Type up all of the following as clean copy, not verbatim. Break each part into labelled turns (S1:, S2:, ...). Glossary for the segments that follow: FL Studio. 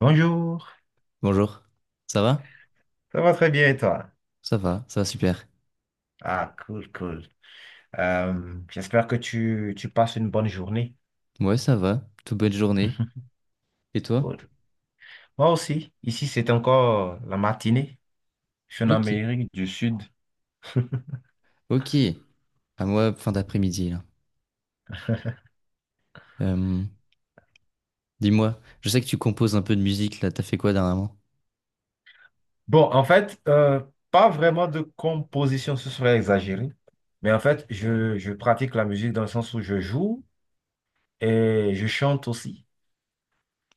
S1: Bonjour,
S2: Bonjour, ça va?
S1: ça va très bien et toi?
S2: Ça va, ça va super.
S1: Ah, cool, cool. J'espère que tu passes une bonne journée.
S2: Ouais, ça va, toute belle journée. Et toi?
S1: Cool. Moi aussi, ici c'est encore la matinée. Je suis en
S2: Ok,
S1: Amérique du Sud.
S2: ok. À moi, fin d'après-midi, là. Euh, Dis-moi, je sais que tu composes un peu de musique, là, t'as fait quoi dernièrement?
S1: Bon, en fait, pas vraiment de composition, ce serait exagéré. Mais en fait, je pratique la musique dans le sens où je joue et je chante aussi.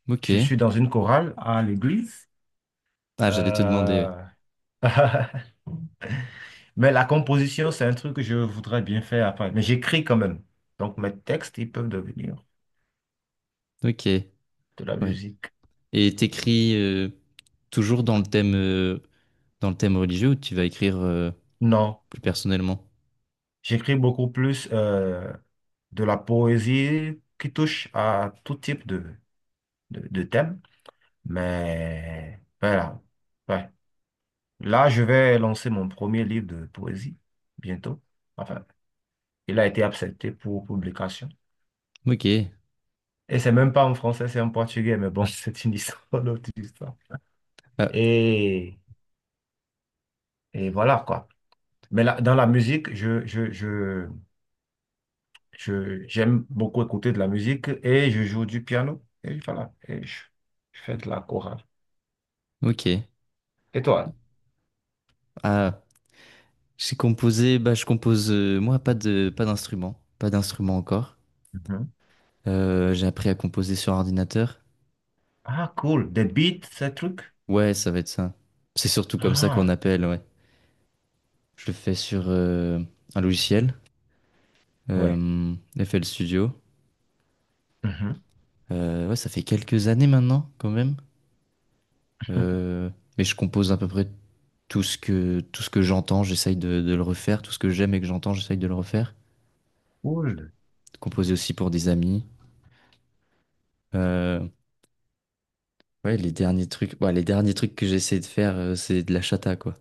S2: Ok.
S1: Je suis dans une chorale à l'église.
S2: Ah, j'allais te demander,
S1: Euh, Mais la composition, c'est un truc que je voudrais bien faire après. Mais j'écris quand même. Donc mes textes, ils peuvent devenir
S2: ouais. Ok,
S1: de la
S2: ouais.
S1: musique.
S2: Et t'écris toujours dans le thème religieux ou tu vas écrire
S1: Non,
S2: plus personnellement?
S1: j'écris beaucoup plus de la poésie qui touche à tout type de thème. Mais voilà. Ouais. Là, je vais lancer mon premier livre de poésie bientôt. Enfin, il a été accepté pour publication.
S2: Ok.
S1: Et c'est même pas en français, c'est en portugais. Mais bon, c'est une histoire, une autre histoire.
S2: Ah,
S1: Et, et voilà quoi. Mais là, dans la musique, je j'aime beaucoup écouter de la musique et je joue du piano. Et voilà, je fais de la chorale.
S2: ok.
S1: Et toi?
S2: Ah, j'ai composé, bah je compose moi pas d'instrument, pas d'instrument encore.
S1: Mhm.
S2: J'ai appris à composer sur ordinateur.
S1: Ah, cool. Des beats, ces trucs?
S2: Ouais, ça va être ça. C'est surtout comme ça qu'on
S1: Ah,
S2: appelle, ouais. Je le fais sur un logiciel,
S1: ouais.
S2: euh, FL Studio.
S1: Mhm.
S2: Ouais, ça fait quelques années maintenant, quand même. Euh, mais je compose à peu près tout ce que j'entends, j'essaye de le refaire. Tout ce que j'aime et que j'entends, j'essaye de le refaire.
S1: Cool.
S2: Composer aussi pour des amis. Euh, ouais, les derniers trucs, ouais, les derniers trucs que j'ai essayé de faire, c'est de la chata, quoi.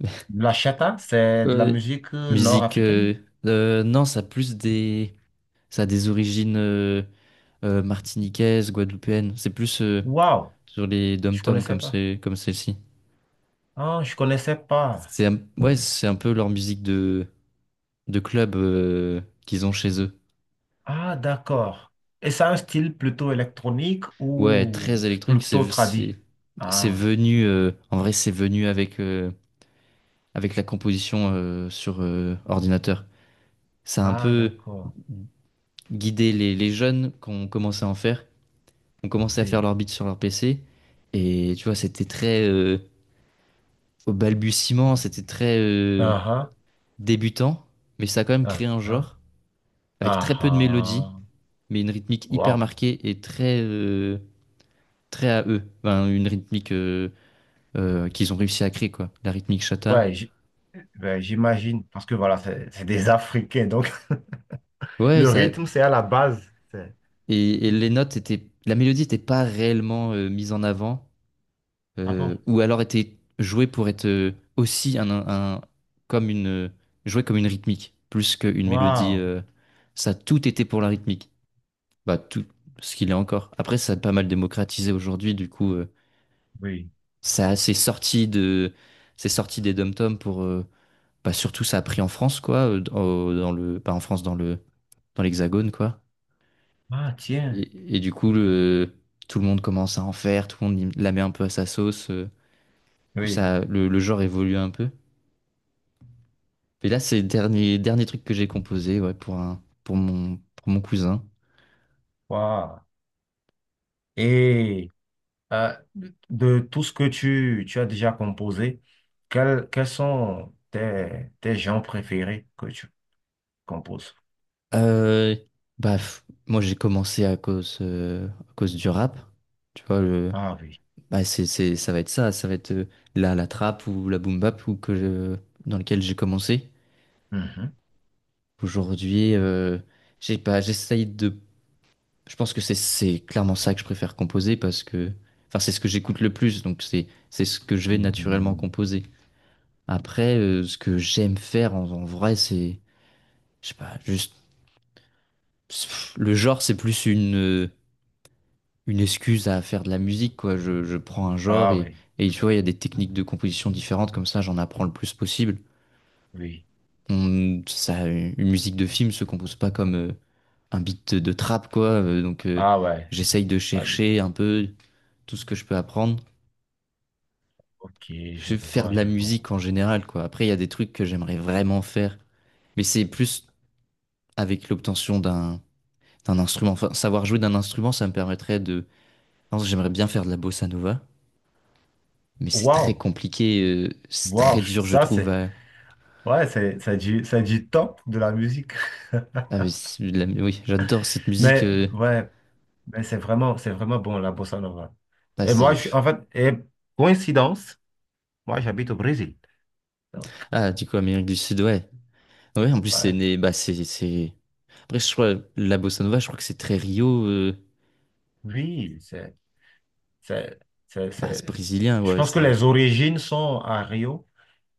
S1: La chata, c'est de la
S2: Euh,
S1: musique
S2: Musique,
S1: nord-africaine?
S2: non, ça a plus des. Ça a des origines martiniquaises, guadeloupéennes. C'est plus
S1: Waouh,
S2: sur les
S1: je
S2: dom-toms
S1: connaissais
S2: comme
S1: pas.
S2: c'est comme celle-ci.
S1: Ah, je connaissais pas.
S2: Ouais, c'est un peu leur musique de club qu'ils ont chez eux.
S1: Ah, d'accord. Et c'est un style plutôt électronique
S2: Ouais,
S1: ou
S2: très électronique.
S1: plutôt
S2: C'est
S1: tradi?
S2: c'est
S1: Ah,
S2: venu en vrai, c'est venu avec avec la composition sur ordinateur. Ça a un
S1: ah,
S2: peu
S1: d'accord.
S2: guidé les jeunes qui ont commencé à en faire. Ont commencé à faire
S1: Oui.
S2: leur beat sur leur PC. Et tu vois, c'était très au balbutiement, c'était très
S1: Ah
S2: débutant, mais ça a quand même
S1: ah,
S2: créé un
S1: ah
S2: genre avec très
S1: ah,
S2: peu de mélodie,
S1: ah.
S2: mais une rythmique hyper
S1: Waouh.
S2: marquée et très très à eux. Enfin, une rythmique qu'ils ont réussi à créer quoi, la rythmique chata.
S1: Ouais, ouais, j'imagine, parce que voilà, c'est des Africains, donc
S2: Ouais,
S1: le
S2: ça
S1: rythme, c'est à la base. C'est-
S2: et les notes étaient, la mélodie n'était pas réellement mise en avant
S1: Ah bon?
S2: ou alors était jouée pour être aussi un comme une jouée comme une rythmique plus qu'une mélodie.
S1: Waouh.
S2: Ça, tout était pour la rythmique. Bah, tout ce qu'il est encore. Après, ça a pas mal démocratisé aujourd'hui, du coup,
S1: Oui.
S2: ça c'est sorti de, c'est sorti des dom-toms pour, bah, surtout ça a pris en France, quoi, dans le, pas en France, dans le, dans l'Hexagone, quoi.
S1: Ah, tiens.
S2: Et du coup, le, tout le monde commence à en faire, tout le monde y- la met un peu à sa sauce. Du coup,
S1: Oui.
S2: ça, le genre évolue un peu. Et là, c'est le dernier, dernier truc que j'ai composé, ouais, pour un, pour mon cousin.
S1: Waouh. Et de tout ce que tu as déjà composé, quels sont tes, tes genres préférés que tu composes?
S2: Euh, bah, f- Moi j'ai commencé à cause du rap. Tu vois, le,
S1: Ah oui.
S2: bah, c'est, ça va être ça, ça va être la, la trap ou la boom bap dans lequel j'ai commencé.
S1: Mhm.
S2: Aujourd'hui, j'ai pas, j'essaye de. Je pense que c'est clairement ça que je préfère composer parce que. Enfin, c'est ce que j'écoute le plus, donc c'est ce que je vais naturellement
S1: Mhm.
S2: composer. Après, ce que j'aime faire en, en vrai, c'est. Je sais pas, juste. Le genre, c'est plus une. Une excuse à faire de la musique, quoi. Je prends un genre
S1: Ah oui.
S2: et tu vois, il y a des techniques de composition différentes, comme ça, j'en apprends le plus possible.
S1: Oui.
S2: Ça, une musique de film se compose pas comme un beat de trap, quoi. Donc,
S1: Ah ouais.
S2: j'essaye de
S1: Pas du tout.
S2: chercher un peu tout ce que je peux apprendre.
S1: Ok,
S2: Je
S1: je
S2: vais faire
S1: vois,
S2: de la
S1: je vois.
S2: musique en général, quoi. Après, il y a des trucs que j'aimerais vraiment faire, mais c'est plus avec l'obtention d'un instrument. Enfin, savoir jouer d'un instrument, ça me permettrait de. Par exemple, j'aimerais bien faire de la bossa nova. Mais c'est très
S1: Waouh,
S2: compliqué, c'est
S1: waouh,
S2: très dur, je
S1: ça
S2: trouve.
S1: c'est, ouais, c'est du, c'est du top de la musique.
S2: C'est oui, j'adore cette musique.
S1: Mais ouais, mais c'est vraiment bon la bossa nova.
S2: Ah,
S1: Et moi,
S2: c'est-
S1: je suis, en fait, et coïncidence, moi j'habite au Brésil. Donc,
S2: ah, du coup, Amérique du Sud, ouais. Ouais, en plus, c'est
S1: ouais,
S2: né. Bah, c'est… Après, je crois, la bossa nova, je crois que c'est très Rio.
S1: oui, c'est, c'est,
S2: Bah, c'est
S1: c'est-
S2: brésilien,
S1: Je
S2: ouais.
S1: pense que
S2: C'est…
S1: les origines sont à Rio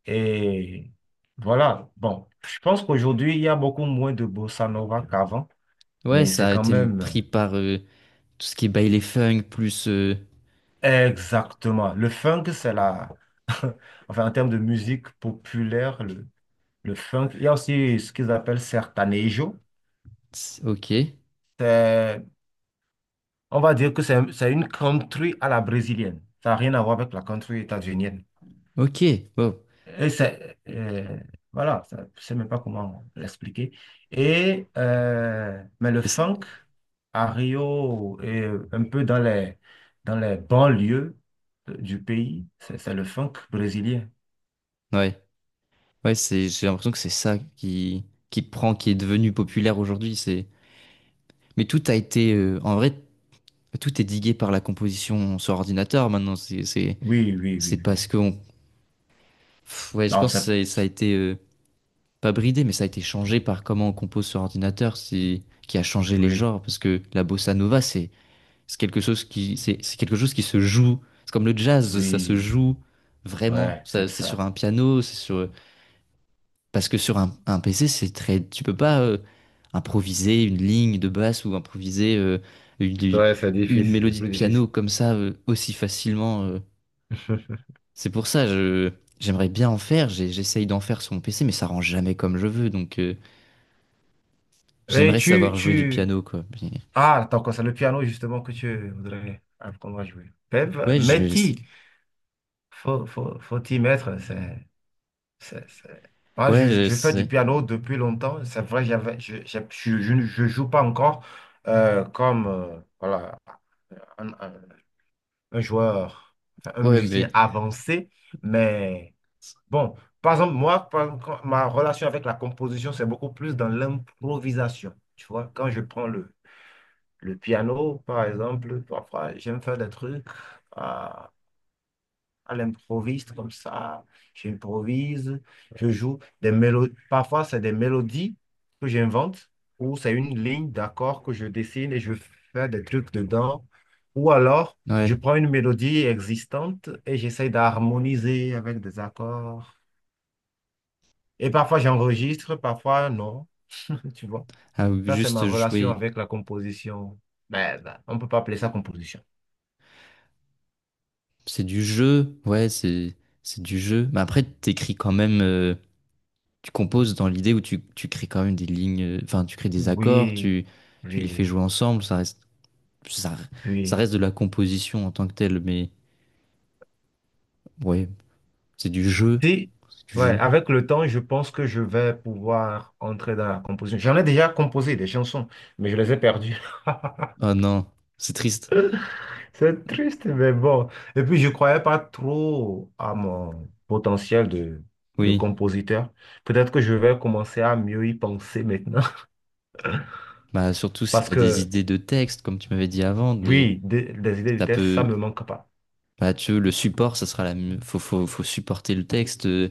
S1: et voilà. Bon, je pense qu'aujourd'hui il y a beaucoup moins de bossa nova qu'avant,
S2: Ouais,
S1: mais
S2: ça
S1: c'est
S2: a
S1: quand
S2: été
S1: même.
S2: pris par tout ce qui est baile funk, plus.
S1: Exactement. Le funk, c'est la... enfin, en termes de musique populaire, le funk, il y a aussi ce qu'ils appellent sertanejo.
S2: Ok,
S1: C'est- On va dire que c'est une country à la brésilienne. Ça n'a rien à voir avec la country états-unienne.
S2: ok, wow.
S1: Et c'est... voilà, je ne sais même pas comment l'expliquer. Et... mais le
S2: Et c'est-
S1: funk, à Rio et un peu dans les banlieues du pays, c'est le funk brésilien.
S2: ouais, ouais, c'est, j'ai l'impression que c'est ça qui prend, qui est devenu populaire aujourd'hui. C'est… Mais tout a été. En vrai, tout est digué par la composition sur ordinateur maintenant. C'est c'est-
S1: Oui, oui,
S2: c'est
S1: oui, oui.
S2: parce que pff, ouais, je
S1: Non,
S2: pense que
S1: ça,
S2: ça a été pas bridé, mais ça a été changé par comment on compose sur ordinateur, qui a changé les
S1: oui,
S2: genres. Parce que la bossa nova, c'est quelque chose qui c'est quelque chose qui se joue. C'est comme le jazz, ça se
S1: oui,
S2: joue vraiment.
S1: ouais,
S2: Ça,
S1: c'est
S2: c'est sur
S1: ça.
S2: un piano, c'est sur parce que sur un PC, c'est très tu peux pas improviser une ligne de basse ou improviser une,
S1: Ouais, c'est
S2: une
S1: difficile, c'est
S2: mélodie de
S1: plus
S2: piano
S1: difficile.
S2: comme ça aussi facilement. C'est pour ça, je j'aimerais bien en faire. J'essaye d'en faire sur mon PC, mais ça rend jamais comme je veux. Donc,
S1: Mais
S2: j'aimerais savoir jouer du piano, quoi.
S1: ah, t'as encore ça, le piano, justement, que tu voudrais apprendre à jouer. Mais,
S2: Ouais, je
S1: mais
S2: vais
S1: t'y-
S2: essayer.
S1: faut t'y mettre, c'est, c'est- Moi,
S2: Ouais, je
S1: je fais du
S2: sais.
S1: piano depuis longtemps, c'est vrai, j'avais, je ne- je joue pas encore comme, voilà, un, un- un joueur, enfin, un
S2: Ouais, mais
S1: musicien avancé, mais Bon, par exemple, moi, par exemple, ma relation avec la composition, c'est beaucoup plus dans l'improvisation. Tu vois, quand je prends le piano, par exemple, parfois, j'aime faire des trucs à, à l'improviste, comme ça. J'improvise, je joue des mélodies. Parfois, c'est des mélodies que j'invente, ou c'est une ligne d'accords que je dessine et je fais des trucs dedans. Ou alors,
S2: ouais.
S1: je prends une mélodie existante et j'essaie d'harmoniser avec des accords. Et parfois j'enregistre, parfois non. Tu vois,
S2: Ah, ou
S1: ça c'est ma
S2: juste
S1: relation
S2: jouer.
S1: avec la composition. Mais ben, on ne peut pas appeler ça composition.
S2: C'est du jeu. Ouais, c'est du jeu. Mais après, t'écris quand même. Tu composes dans l'idée où tu crées quand même des lignes. Enfin, tu crées des accords.
S1: Oui,
S2: Tu les fais
S1: oui,
S2: jouer ensemble. Ça Ça
S1: oui.
S2: reste de la composition en tant que telle. Mais ouais, c'est du jeu.
S1: Si,
S2: C'est du
S1: ouais,
S2: jeu.
S1: avec le temps, je pense que je vais pouvoir entrer dans la composition. J'en ai déjà composé des chansons, mais je les ai perdues.
S2: Oh non, c'est triste.
S1: C'est triste, mais bon. Et puis, je ne croyais pas trop à mon potentiel de
S2: Oui.
S1: compositeur. Peut-être que je vais commencer à mieux y penser maintenant.
S2: Bah surtout si
S1: Parce
S2: t'as des
S1: que
S2: idées de texte, comme tu m'avais dit avant, des
S1: Oui, des idées de
S2: ça
S1: test, ça
S2: peut
S1: me manque pas.
S2: bah tu veux, le support, ça sera la mieux- faut supporter le texte.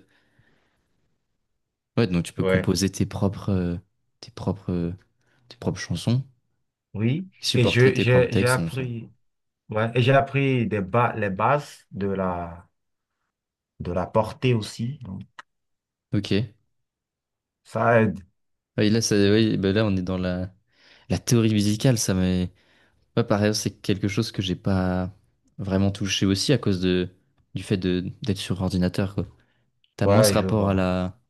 S2: Ouais, donc tu peux
S1: Ouais.
S2: composer tes propres tes propres tes propres chansons,
S1: Oui,
S2: qui
S1: et
S2: supporteraient tes propres
S1: j'ai
S2: textes. Dans le sens.
S1: appris, ouais, et j'ai appris les bases de la portée aussi. Donc,
S2: Ok.
S1: ça aide.
S2: Oui, là ça oui, bah là on est dans la la théorie musicale, ça m'est pas pareil, c'est quelque chose que j'ai pas vraiment touché aussi à cause de du fait de d'être sur ordinateur quoi. T'as moins ce
S1: Ouais, je
S2: rapport à
S1: vois.
S2: la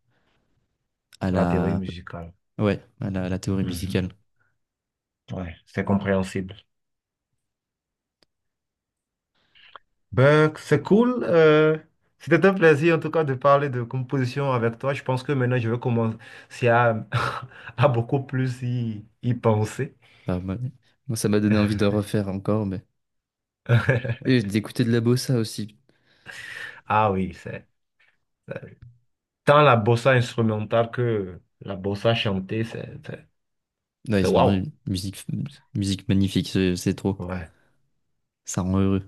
S2: à
S1: La théorie
S2: la,
S1: musicale.
S2: ouais, à la théorie
S1: Mhm.
S2: musicale.
S1: Ouais, c'est compréhensible. Ben, c'est cool. C'était un plaisir en tout cas de parler de composition avec toi. Je pense que maintenant je vais commencer à, à beaucoup plus y penser.
S2: Enfin, moi, moi, ça m'a donné envie de refaire encore, mais et d'écouter de la bossa aussi.
S1: Ah oui, c'est. Tant la bossa instrumentale que la bossa chantée,
S2: Ouais,
S1: c'est
S2: c'est vraiment
S1: waouh.
S2: une musique, musique magnifique, c'est trop.
S1: Ouais,
S2: Ça rend heureux.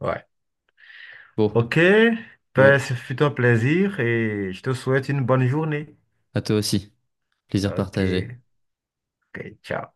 S1: ouais.
S2: Bon,
S1: Ok, ben,
S2: ouais,
S1: ce fut un plaisir et je te souhaite une bonne journée.
S2: à toi aussi. Plaisir
S1: Ok,
S2: partagé.
S1: ok, ciao.